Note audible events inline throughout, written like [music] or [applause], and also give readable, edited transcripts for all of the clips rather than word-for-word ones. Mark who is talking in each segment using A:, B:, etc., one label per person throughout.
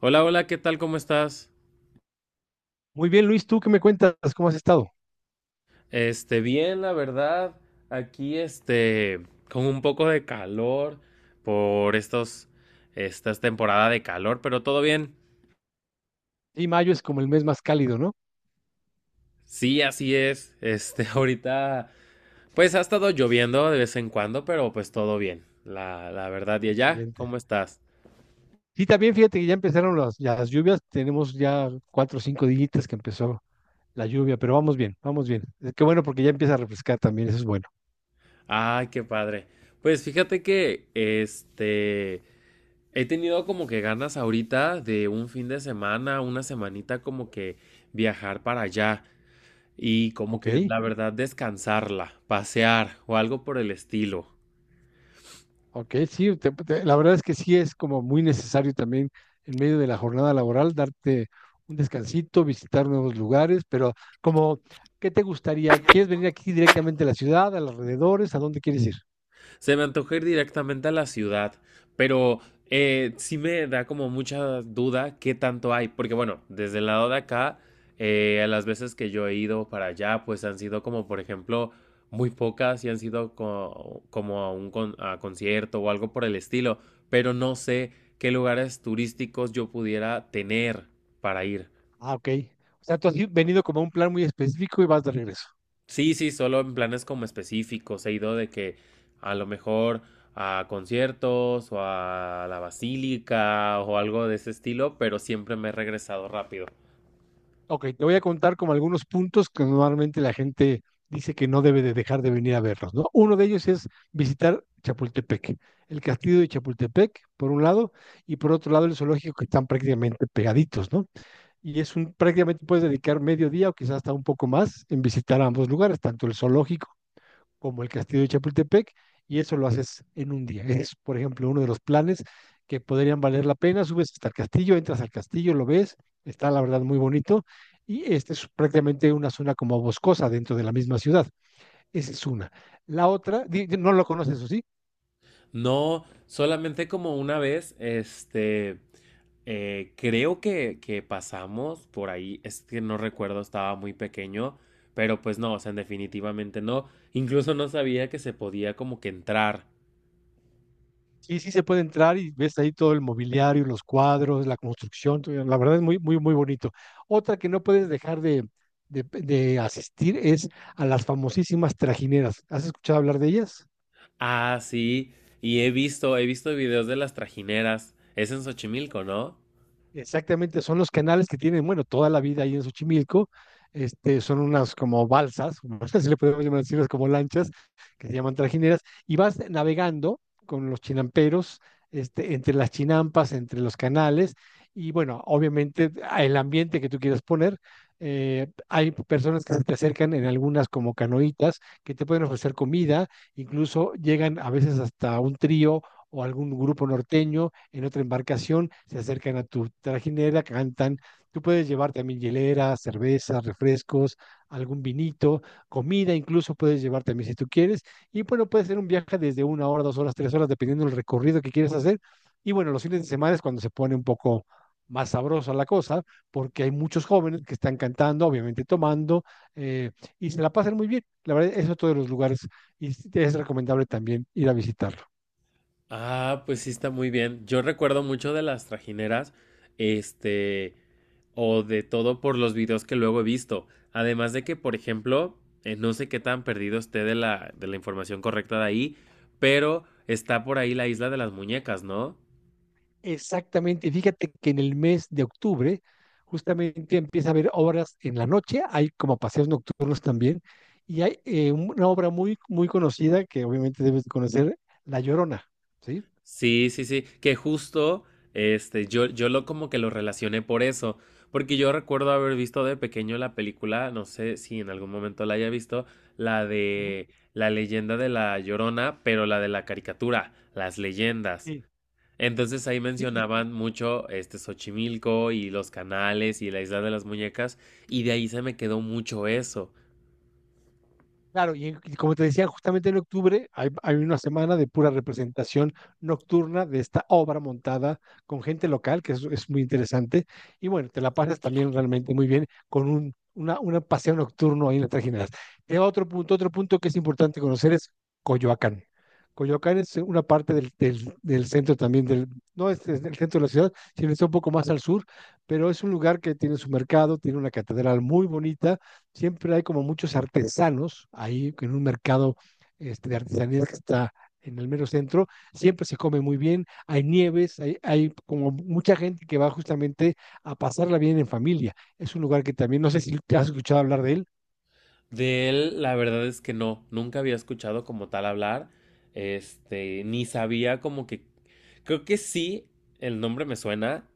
A: Hola, hola, ¿qué tal? ¿Cómo estás?
B: Muy bien, Luis, ¿tú qué me cuentas? ¿Cómo has estado?
A: Bien, la verdad, aquí con un poco de calor por estas temporada de calor, pero todo bien.
B: Sí, mayo es como el mes más cálido, ¿no?
A: Sí, así es. [laughs] Ahorita, pues ha estado lloviendo de vez en cuando, pero pues todo bien. La verdad, y allá,
B: Excelente.
A: ¿cómo estás?
B: Sí, también fíjate que ya empezaron las lluvias. Tenemos ya cuatro o cinco dígitas que empezó la lluvia, pero vamos bien, vamos bien. Qué bueno porque ya empieza a refrescar también, eso es bueno.
A: Ay, qué padre. Pues fíjate que, he tenido como que ganas ahorita de un fin de semana, una semanita como que viajar para allá. Y como
B: Ok,
A: que la verdad descansarla, pasear o algo por el estilo.
B: ok, sí, la verdad es que sí es como muy necesario también en medio de la jornada laboral darte un descansito, visitar nuevos lugares, pero como, ¿qué te gustaría? ¿Quieres venir aquí directamente a la ciudad, a los alrededores? ¿A dónde quieres ir?
A: Se me antoja ir directamente a la ciudad, pero sí me da como mucha duda qué tanto hay, porque bueno, desde el lado de acá, las veces que yo he ido para allá, pues han sido como, por ejemplo, muy pocas y han sido como a a concierto o algo por el estilo, pero no sé qué lugares turísticos yo pudiera tener para ir.
B: Ah, ok. O sea, tú has venido como a un plan muy específico y vas de regreso.
A: Sí, sí, solo en planes como específicos. He ido de que a lo mejor a conciertos o a la basílica o algo de ese estilo, pero siempre me he regresado rápido.
B: Ok, te voy a contar como algunos puntos que normalmente la gente dice que no debe de dejar de venir a verlos, ¿no? Uno de ellos es visitar Chapultepec, el castillo de Chapultepec, por un lado, y por otro lado el zoológico que están prácticamente pegaditos, ¿no? Y es prácticamente puedes dedicar medio día o quizás hasta un poco más en visitar ambos lugares, tanto el zoológico como el Castillo de Chapultepec, y eso lo haces en un día. Es, por ejemplo, uno de los planes que podrían valer la pena. Subes hasta el castillo, entras al castillo, lo ves, está la verdad muy bonito, y este es prácticamente una zona como boscosa dentro de la misma ciudad. Esa es una. La otra, no lo conoces, eso sí.
A: No, solamente como una vez, creo que pasamos por ahí, es que no recuerdo, estaba muy pequeño, pero pues no, o sea, definitivamente no. Incluso no sabía que se podía como que entrar.
B: Sí, sí se puede entrar y ves ahí todo el mobiliario, los cuadros, la construcción, todo. La verdad es muy, muy, muy bonito. Otra que no puedes dejar de asistir es a las famosísimas trajineras. ¿Has escuchado hablar de ellas?
A: Ah, sí. Y he visto videos de las trajineras. Es en Xochimilco, ¿no?
B: Exactamente, son los canales que tienen, bueno, toda la vida ahí en Xochimilco, son unas como balsas, [laughs] si le podemos llamar así, unas como lanchas, que se llaman trajineras, y vas navegando con los chinamperos, entre las chinampas, entre los canales, y bueno, obviamente a el ambiente que tú quieras poner, hay personas que se te acercan en algunas como canoitas, que te pueden ofrecer comida, incluso llegan a veces hasta un trío o algún grupo norteño en otra embarcación, se acercan a tu trajinera, cantan. Tú puedes llevar también hielera, cervezas, refrescos, algún vinito, comida, incluso puedes llevar también si tú quieres. Y bueno, puede ser un viaje desde una hora, dos horas, tres horas, dependiendo del recorrido que quieres hacer. Y bueno, los fines de semana es cuando se pone un poco más sabrosa la cosa, porque hay muchos jóvenes que están cantando, obviamente tomando, eh, y se la pasan muy bien. La verdad, es otro los lugares y es recomendable también ir a visitarlo.
A: Ah, pues sí está muy bien. Yo recuerdo mucho de las trajineras, este, o de todo por los videos que luego he visto. Además de que, por ejemplo, no sé qué tan perdido esté de la información correcta de ahí, pero está por ahí la isla de las muñecas, ¿no?
B: Exactamente, fíjate que en el mes de octubre justamente empieza a haber obras en la noche, hay como paseos nocturnos también, y hay una obra muy, muy conocida que obviamente debes de conocer, La Llorona, ¿sí?
A: Sí, sí, sí, que justo, yo lo como que lo relacioné por eso, porque yo recuerdo haber visto de pequeño la película, no sé si en algún momento la haya visto, la
B: Ujú.
A: de la leyenda de la Llorona, pero la de la caricatura, las leyendas.
B: Sí,
A: Entonces ahí
B: sí.
A: mencionaban mucho este Xochimilco y los canales y la isla de las muñecas, y de ahí se me quedó mucho eso.
B: Claro, y como te decía, justamente en octubre hay una semana de pura representación nocturna de esta obra montada con gente local, que es muy interesante. Y bueno, te la pasas también realmente muy bien con una paseo nocturno ahí en las tres Generales. Y otro punto que es importante conocer es Coyoacán. Coyoacán es una parte del centro también, no es, es del centro de la ciudad, sino está un poco más al sur, pero es un lugar que tiene su mercado, tiene una catedral muy bonita, siempre hay como muchos artesanos ahí en un mercado de artesanías que está en el mero centro, siempre se come muy bien, hay nieves, como mucha gente que va justamente a pasarla bien en familia. Es un lugar que también, no sé si te has escuchado hablar de él.
A: De él, la verdad es que no, nunca había escuchado como tal hablar, ni sabía como que, creo que sí, el nombre me suena,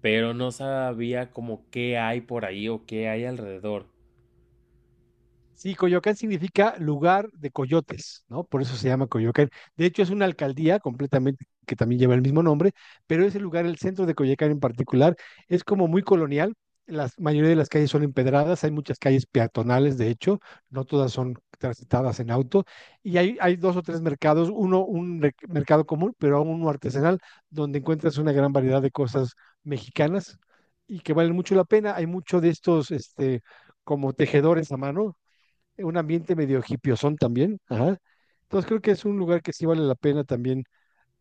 A: pero no sabía como qué hay por ahí o qué hay alrededor.
B: Sí, Coyoacán significa lugar de coyotes, ¿no? Por eso se llama Coyoacán. De hecho, es una alcaldía completamente que también lleva el mismo nombre, pero ese lugar, el centro de Coyoacán en particular, es como muy colonial. La mayoría de las calles son empedradas, hay muchas calles peatonales, de hecho, no todas son transitadas en auto, y hay dos o tres mercados, uno un mercado común, pero uno artesanal, donde encuentras una gran variedad de cosas mexicanas y que valen mucho la pena. Hay mucho de estos, como tejedores a mano, un ambiente medio son también. Ajá. Entonces creo que es un lugar que sí vale la pena también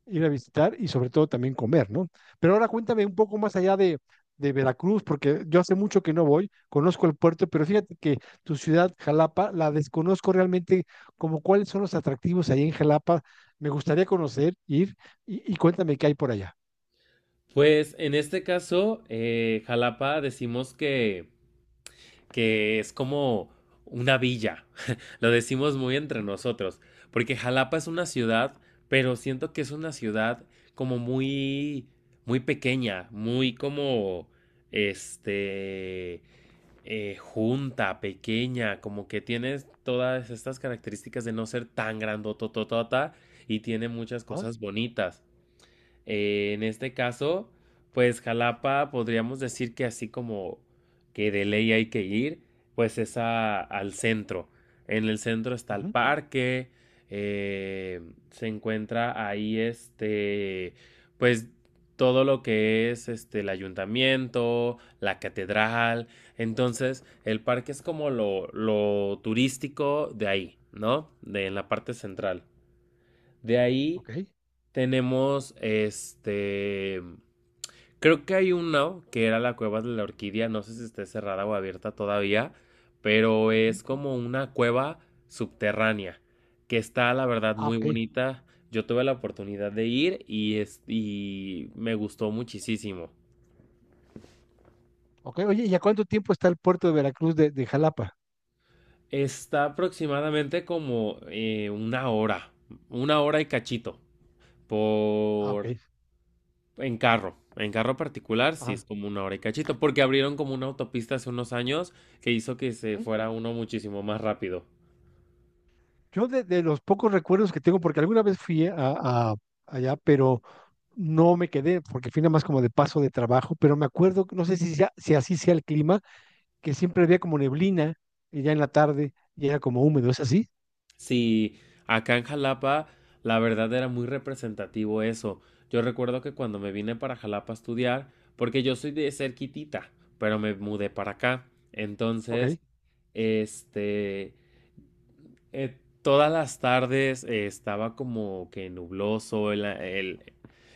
B: ir a visitar y sobre todo también comer, ¿no? Pero ahora cuéntame un poco más allá de Veracruz, porque yo hace mucho que no voy, conozco el puerto, pero fíjate que tu ciudad, Jalapa, la desconozco realmente como cuáles son los atractivos ahí en Jalapa. Me gustaría conocer, ir y cuéntame qué hay por allá.
A: Pues en este caso, Jalapa decimos que es como una villa. [laughs] Lo decimos muy entre
B: ¿No?
A: nosotros, porque Jalapa es una ciudad, pero siento que es una ciudad como muy, muy pequeña, muy como, este, junta, pequeña, como que tiene todas estas características de no ser tan grandotototota y tiene muchas
B: Ah,
A: cosas bonitas. En este caso, pues Jalapa, podríamos decir que así como que de ley hay que ir, pues es al centro. En el centro está el
B: ujú,
A: parque, eh, se encuentra ahí pues todo lo que es este el ayuntamiento, la catedral. Entonces, el parque es como lo turístico de ahí, ¿no? De en la parte central. De ahí
B: ok,
A: tenemos este. Creo que hay uno que era la cueva de la orquídea. No sé si esté cerrada o abierta todavía. Pero
B: ujú.
A: es como una cueva subterránea. Que está, la verdad,
B: Ah,
A: muy
B: ok,
A: bonita. Yo tuve la oportunidad de ir y me gustó muchísimo.
B: ok. Oye, ¿y a cuánto tiempo está el puerto de Veracruz de Jalapa?
A: Está aproximadamente como una hora. Una hora y cachito.
B: Ah, ok.
A: Por en carro, en carro particular sí es
B: Ajá.
A: como una hora y cachito, porque abrieron como una autopista hace unos años que hizo que se fuera uno muchísimo más rápido.
B: Yo de los pocos recuerdos que tengo, porque alguna vez fui allá, pero no me quedé, porque fui nada más como de paso de trabajo, pero me acuerdo, no sé si así sea el clima, que siempre había como neblina y ya en la tarde y era como húmedo, ¿es así?
A: Sí, acá en Jalapa la verdad era muy representativo eso. Yo recuerdo que cuando me vine para Jalapa a estudiar, porque yo soy de cerquitita, pero me mudé para acá.
B: Ok.
A: Entonces, este, todas las tardes estaba como que nubloso, el, el,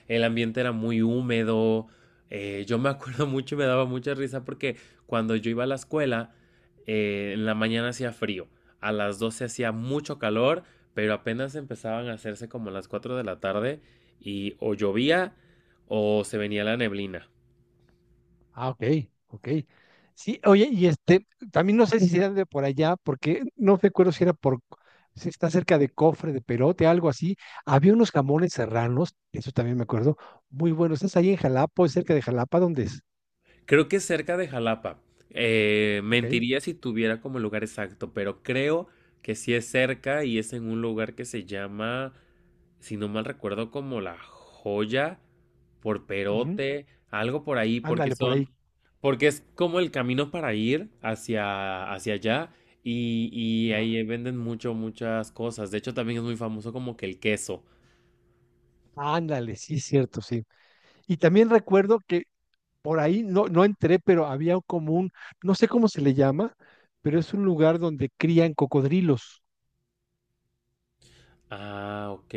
A: el ambiente era muy húmedo. Yo me [laughs] acuerdo mucho y me daba mucha risa porque cuando yo iba a la escuela, en la mañana hacía frío, a las 12 hacía mucho calor, pero apenas empezaban a hacerse como las 4 de la tarde y o llovía o se venía la neblina.
B: Ah, ok, ok. Sí, oye, y también no sé si era de por allá, porque no recuerdo si era si está cerca de Cofre, de Perote, algo así. Había unos jamones serranos, eso también me acuerdo, muy buenos. ¿Estás ahí en Jalapa o es cerca de Jalapa? ¿Dónde es?
A: Creo que es cerca de Jalapa.
B: Ok.
A: Mentiría si tuviera como lugar exacto, pero creo que sí es cerca y es en un lugar que se llama, si no mal recuerdo, como La Joya, por
B: Ujú.
A: Perote, algo por ahí, porque
B: Ándale, por
A: son,
B: ahí.
A: porque es como el camino para ir hacia, hacia allá y
B: Ah,
A: ahí venden mucho, muchas cosas. De hecho, también es muy famoso como que el queso.
B: ándale, sí, cierto, sí. Y también recuerdo que por ahí no, no entré, pero había como no sé cómo se le llama, pero es un lugar donde crían cocodrilos.
A: Ah, ok.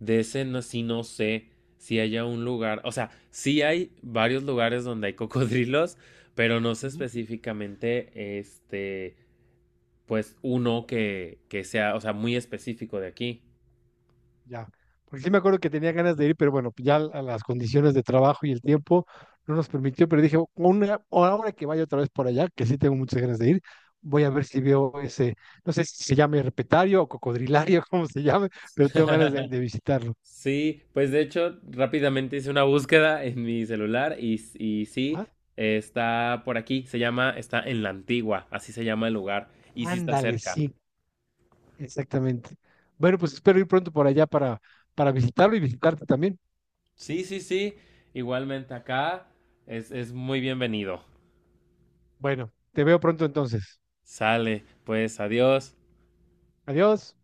A: De ese no, sí no sé si haya un lugar, o sea, sí hay varios lugares donde hay cocodrilos, pero no sé
B: Ujú.
A: específicamente, este, pues uno que sea, o sea, muy específico de aquí.
B: Ya. Porque sí me acuerdo que tenía ganas de ir, pero bueno, ya a las condiciones de trabajo y el tiempo no nos permitió, pero dije, una, ahora que vaya otra vez por allá, que sí tengo muchas ganas de ir, voy a ver si veo ese, no sé si se llama herpetario o cocodrilario, [laughs] como se llame, pero tengo ganas
A: [laughs]
B: de visitarlo.
A: Sí, pues de hecho rápidamente hice una búsqueda en mi celular y sí, está por aquí, se llama, está en la antigua, así se llama el lugar, y sí está
B: Ándale,
A: cerca.
B: sí, exactamente. Bueno, pues espero ir pronto por allá para visitarlo y visitarte también.
A: Sí, sí, sí. Igualmente acá es muy bienvenido.
B: Bueno, te veo pronto entonces.
A: Sale, pues adiós.
B: Adiós.